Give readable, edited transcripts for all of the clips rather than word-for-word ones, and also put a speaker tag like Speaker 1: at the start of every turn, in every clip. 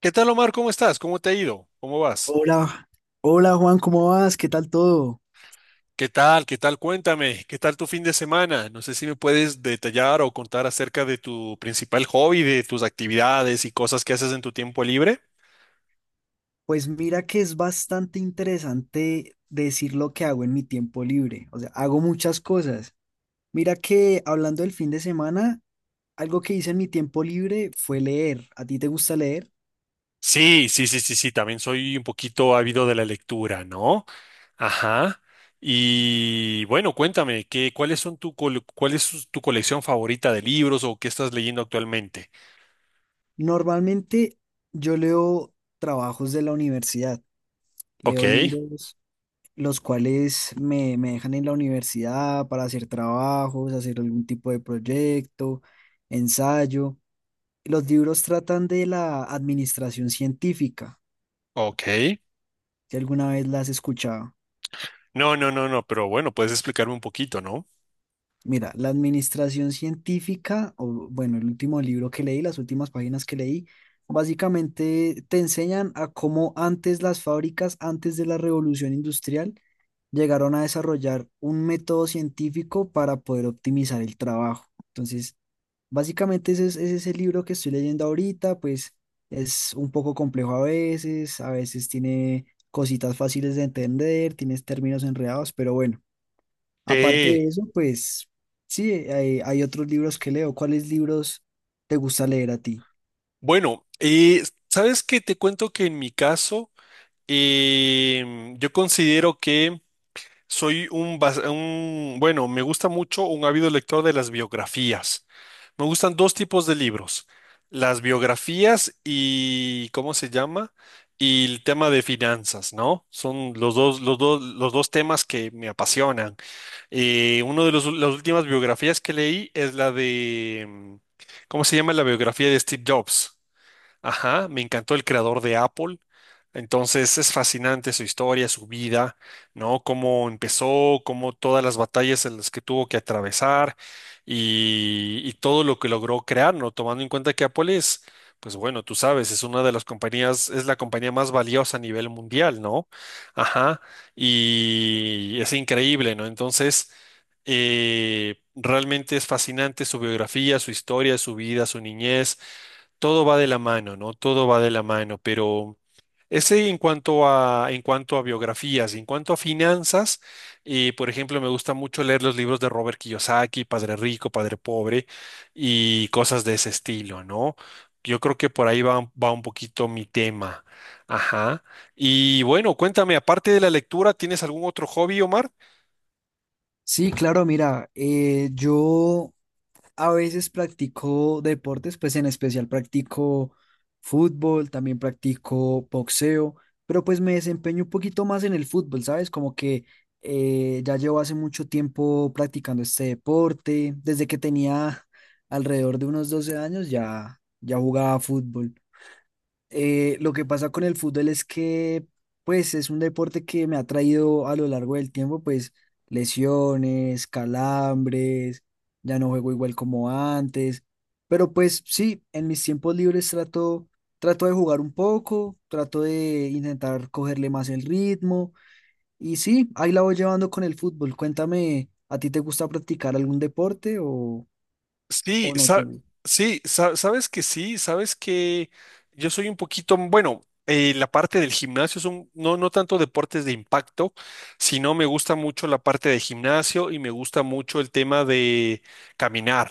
Speaker 1: ¿Qué tal, Omar? ¿Cómo estás? ¿Cómo te ha ido? ¿Cómo vas?
Speaker 2: Hola, hola Juan, ¿cómo vas? ¿Qué tal todo?
Speaker 1: ¿Qué tal? ¿Qué tal? Cuéntame. ¿Qué tal tu fin de semana? No sé si me puedes detallar o contar acerca de tu principal hobby, de tus actividades y cosas que haces en tu tiempo libre.
Speaker 2: Pues mira que es bastante interesante decir lo que hago en mi tiempo libre, o sea, hago muchas cosas. Mira que hablando del fin de semana, algo que hice en mi tiempo libre fue leer. ¿A ti te gusta leer?
Speaker 1: Sí, sí, sí, sí, sí. También soy un poquito ávido de la lectura, ¿no? Ajá. Y bueno, cuéntame, tu colección favorita de libros o qué estás leyendo actualmente?
Speaker 2: Normalmente yo leo trabajos de la universidad,
Speaker 1: Ok,
Speaker 2: leo libros los cuales me dejan en la universidad para hacer trabajos, hacer algún tipo de proyecto, ensayo. Los libros tratan de la administración científica,
Speaker 1: ok.
Speaker 2: si alguna vez la has escuchado.
Speaker 1: No, no, no, no, pero bueno, puedes explicarme un poquito, ¿no?
Speaker 2: Mira, la administración científica, o bueno, el último libro que leí, las últimas páginas que leí, básicamente te enseñan a cómo antes las fábricas, antes de la revolución industrial, llegaron a desarrollar un método científico para poder optimizar el trabajo. Entonces, básicamente ese es el libro que estoy leyendo ahorita, pues es un poco complejo a veces tiene cositas fáciles de entender, tienes términos enredados, pero bueno, aparte
Speaker 1: Sí.
Speaker 2: de eso, pues sí, hay otros libros que leo. ¿Cuáles libros te gusta leer a ti?
Speaker 1: Bueno, ¿sabes qué? Te cuento que en mi caso, yo considero que Soy un, bas- un- bueno, me gusta mucho, un ávido lector de las biografías. Me gustan dos tipos de libros, las biografías y, ¿cómo se llama? Y el tema de finanzas, ¿no? Son los dos temas que me apasionan. Las últimas biografías que leí es la de, ¿cómo se llama? La biografía de Steve Jobs. Ajá, me encantó, el creador de Apple. Entonces es fascinante su historia, su vida, ¿no? Cómo empezó, cómo todas las batallas en las que tuvo que atravesar y todo lo que logró crear, ¿no? Tomando en cuenta que Apple es, pues bueno, tú sabes, es una de las compañías, es la compañía más valiosa a nivel mundial, ¿no? Ajá, y es increíble, ¿no? Entonces, realmente es fascinante su biografía, su historia, su vida, su niñez. Todo va de la mano, ¿no? Todo va de la mano, pero ese, en cuanto a biografías, en cuanto a finanzas, por ejemplo, me gusta mucho leer los libros de Robert Kiyosaki, Padre Rico, Padre Pobre, y cosas de ese estilo, ¿no? Yo creo que por ahí va, va un poquito mi tema. Ajá. Y bueno, cuéntame, aparte de la lectura, ¿tienes algún otro hobby, Omar?
Speaker 2: Sí, claro, mira, yo a veces practico deportes, pues en especial practico fútbol, también practico boxeo, pero pues me desempeño un poquito más en el fútbol, ¿sabes? Como que ya llevo hace mucho tiempo practicando este deporte, desde que tenía alrededor de unos 12 años, ya jugaba fútbol. Lo que pasa con el fútbol es que, pues, es un deporte que me ha traído a lo largo del tiempo, pues, lesiones, calambres, ya no juego igual como antes, pero pues sí, en mis tiempos libres trato, trato de jugar un poco, trato de intentar cogerle más el ritmo y sí, ahí la voy llevando con el fútbol. Cuéntame, ¿a ti te gusta practicar algún deporte
Speaker 1: Sí,
Speaker 2: o no te
Speaker 1: sa-
Speaker 2: gusta?
Speaker 1: sabes que sí, sabes que yo soy un poquito, bueno, la parte del gimnasio, son no, no tanto deportes de impacto, sino me gusta mucho la parte de gimnasio y me gusta mucho el tema de caminar.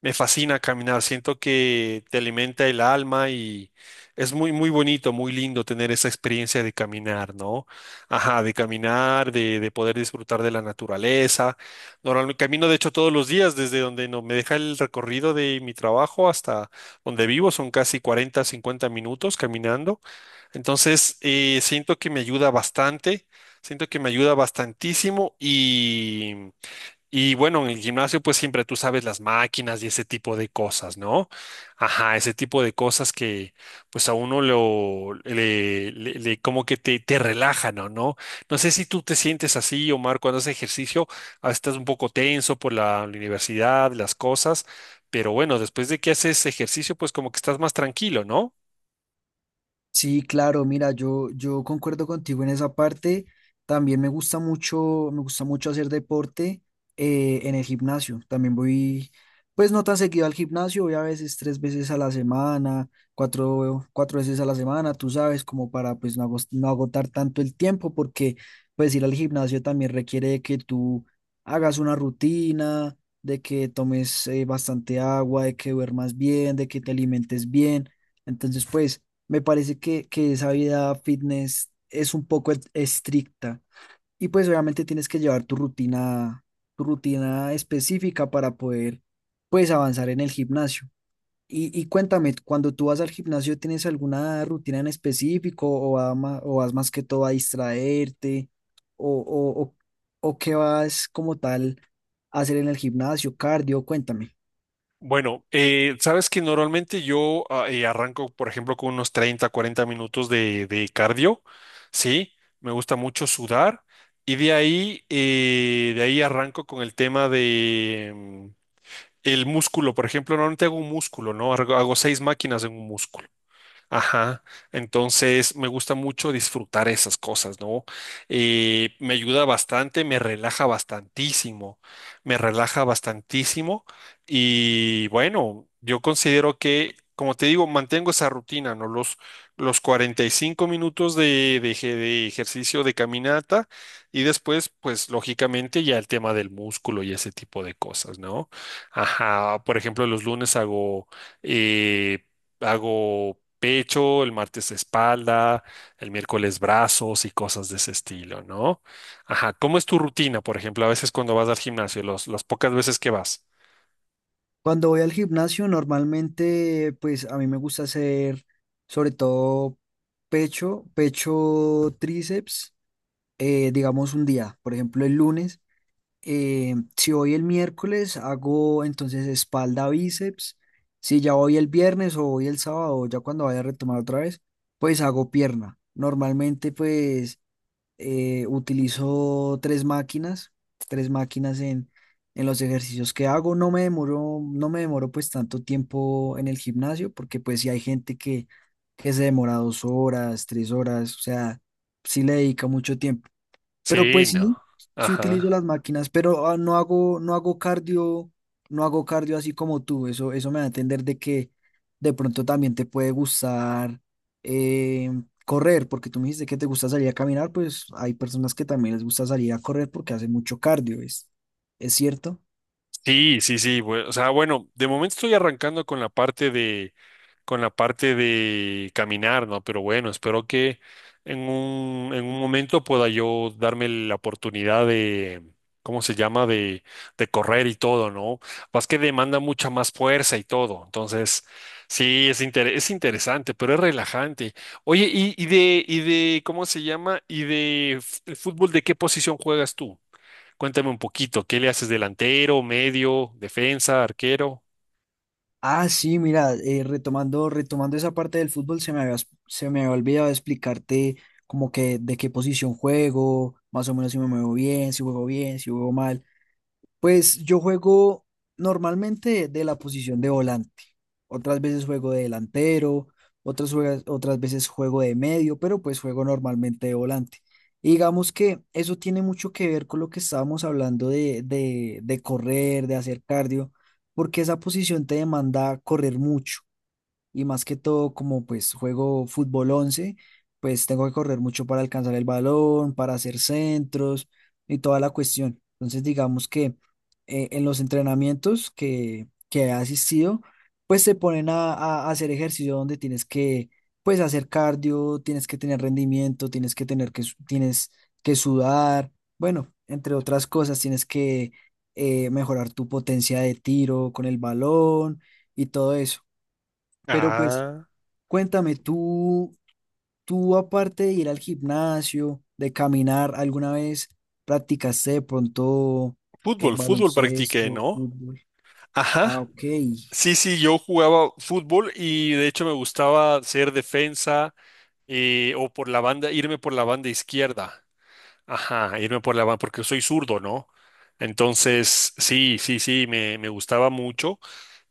Speaker 1: Me fascina caminar, siento que te alimenta el alma y es muy, muy bonito, muy lindo tener esa experiencia de caminar, ¿no? Ajá, de caminar, de poder disfrutar de la naturaleza. Normalmente camino, de hecho, todos los días desde donde no me deja el recorrido de mi trabajo hasta donde vivo, son casi 40, 50 minutos caminando. Entonces, siento que me ayuda bastante, siento que me ayuda bastantísimo, y bueno, en el gimnasio pues siempre tú sabes, las máquinas y ese tipo de cosas, ¿no? Ajá, ese tipo de cosas que pues a uno lo, le- le- como que te relajan, ¿o ¿no? No sé si tú te sientes así, Omar, cuando haces ejercicio, estás un poco tenso por la universidad, las cosas, pero bueno, después de que haces ejercicio, pues como que estás más tranquilo, ¿no?
Speaker 2: Sí, claro, mira, yo concuerdo contigo en esa parte. También me gusta mucho hacer deporte en el gimnasio. También voy, pues no tan seguido al gimnasio, voy a veces 3 veces a la semana, cuatro veces a la semana, tú sabes, como para pues no, no agotar tanto el tiempo, porque pues ir al gimnasio también requiere de que tú hagas una rutina, de que tomes bastante agua, de que duermas bien, de que te alimentes bien. Entonces, pues… Me parece que esa vida fitness es un poco estricta y pues obviamente tienes que llevar tu rutina específica para poder pues avanzar en el gimnasio. Y cuéntame, cuando tú vas al gimnasio, ¿tienes alguna rutina en específico o o vas más que todo a distraerte o o qué vas como tal a hacer en el gimnasio, cardio? Cuéntame.
Speaker 1: Bueno, sabes que normalmente yo, arranco, por ejemplo, con unos 30, 40 minutos de cardio, ¿sí? Me gusta mucho sudar, y de ahí arranco con el tema de, el músculo, por ejemplo, normalmente hago un músculo, ¿no? Hago 6 máquinas en un músculo. Ajá, entonces me gusta mucho disfrutar esas cosas, ¿no? Me ayuda bastante, me relaja bastantísimo, me relaja bastantísimo, y bueno, yo considero que, como te digo, mantengo esa rutina, ¿no? Los 45 minutos de, de ejercicio, de caminata, y después, pues lógicamente ya el tema del músculo y ese tipo de cosas, ¿no? Ajá, por ejemplo, los lunes hago... eh, hago pecho, el martes espalda, el miércoles brazos y cosas de ese estilo, ¿no? Ajá, ¿cómo es tu rutina, por ejemplo, a veces cuando vas al gimnasio, las pocas veces que vas?
Speaker 2: Cuando voy al gimnasio, normalmente, pues a mí me gusta hacer sobre todo pecho, tríceps, digamos un día, por ejemplo el lunes. Si voy el miércoles, hago entonces espalda, bíceps. Si ya voy el viernes o voy el sábado, ya cuando vaya a retomar otra vez, pues hago pierna. Normalmente, pues utilizo 3 máquinas, 3 máquinas en los ejercicios que hago. No me demoro pues tanto tiempo en el gimnasio, porque pues si hay gente que se demora 2 horas, 3 horas, o sea, sí le dedica mucho tiempo. Pero
Speaker 1: Sí,
Speaker 2: pues
Speaker 1: no.
Speaker 2: sí, sí utilizo
Speaker 1: Ajá.
Speaker 2: las máquinas, pero no hago cardio, no hago cardio así como tú. Eso me da a entender de que de pronto también te puede gustar eh, correr, porque tú me dijiste que te gusta salir a caminar, pues hay personas que también les gusta salir a correr porque hacen mucho cardio, ¿es cierto?
Speaker 1: Sí, sí, sí. O sea, bueno, de momento estoy arrancando con la parte de, con la parte de caminar, ¿no? Pero bueno, espero que en un momento pueda yo darme la oportunidad de, ¿cómo se llama? De correr y todo, ¿no? Más que demanda mucha más fuerza y todo. Entonces, sí, es interesante, pero es relajante. Oye, ¿cómo se llama? Y de fútbol, ¿de qué posición juegas tú? Cuéntame un poquito, ¿qué le haces, delantero, medio, defensa, arquero?
Speaker 2: Ah, sí, mira, retomando, retomando esa parte del fútbol, se me había olvidado explicarte como que de qué posición juego, más o menos si me muevo bien, si juego mal. Pues yo juego normalmente de la posición de volante. Otras veces juego de delantero, otras veces juego de medio, pero pues juego normalmente de volante. Y digamos que eso tiene mucho que ver con lo que estábamos hablando de correr, de hacer cardio, porque esa posición te demanda correr mucho y más que todo como pues juego fútbol 11 pues tengo que correr mucho para alcanzar el balón, para hacer centros y toda la cuestión. Entonces digamos que en los entrenamientos que he asistido, pues se ponen a hacer ejercicio donde tienes que pues hacer cardio, tienes que tener rendimiento, tienes que tener tienes que sudar, bueno, entre otras cosas, tienes que mejorar tu potencia de tiro con el balón y todo eso. Pero pues
Speaker 1: Ah,
Speaker 2: cuéntame, tú aparte de ir al gimnasio, de caminar, ¿alguna vez practicaste de pronto
Speaker 1: fútbol, fútbol practiqué,
Speaker 2: baloncesto,
Speaker 1: ¿no?
Speaker 2: fútbol? Ah,
Speaker 1: Ajá.
Speaker 2: ok.
Speaker 1: Sí, sí, yo jugaba fútbol y de hecho me gustaba ser defensa, o por la banda, irme por la banda izquierda. Ajá, irme por la banda, porque soy zurdo, ¿no? Entonces, sí, sí, sí, me gustaba mucho,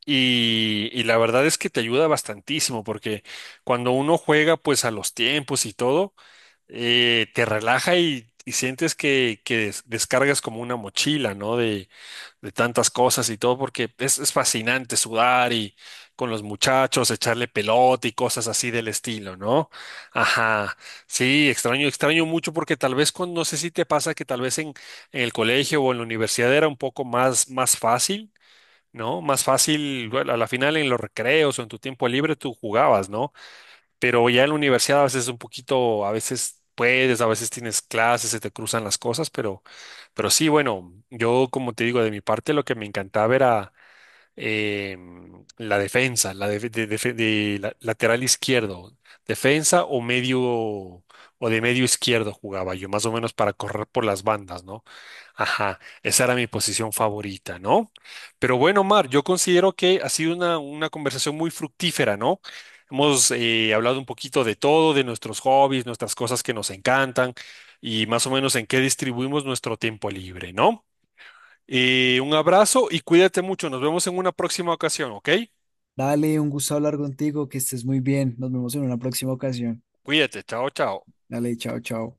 Speaker 1: y la verdad es que te ayuda bastantísimo porque cuando uno juega pues a los tiempos y todo, te relaja, y sientes que descargas como una mochila, ¿no? De tantas cosas y todo, porque es fascinante sudar y con los muchachos, echarle pelota y cosas así del estilo, ¿no? Ajá, sí, extraño, extraño mucho porque tal vez con, no sé si te pasa que tal vez en el colegio o en la universidad era un poco más, más fácil. ¿No? Más fácil, bueno, a la final en los recreos o en tu tiempo libre tú jugabas, ¿no? Pero ya en la universidad a veces es un poquito, a veces puedes, a veces tienes clases, se te cruzan las cosas, pero sí, bueno, yo como te digo, de mi parte lo que me encantaba era eh, la defensa, la def- de la- lateral izquierdo, defensa o medio, o de medio izquierdo jugaba yo, más o menos para correr por las bandas, ¿no? Ajá, esa era mi posición favorita, ¿no? Pero bueno, Mar, yo considero que ha sido una conversación muy fructífera, ¿no? Hemos hablado un poquito de todo, de nuestros hobbies, nuestras cosas que nos encantan y más o menos en qué distribuimos nuestro tiempo libre, ¿no? Y un abrazo y cuídate mucho. Nos vemos en una próxima ocasión, ¿ok?
Speaker 2: Dale, un gusto hablar contigo, que estés muy bien. Nos vemos en una próxima ocasión.
Speaker 1: Cuídate. Chao, chao.
Speaker 2: Dale, chao, chao.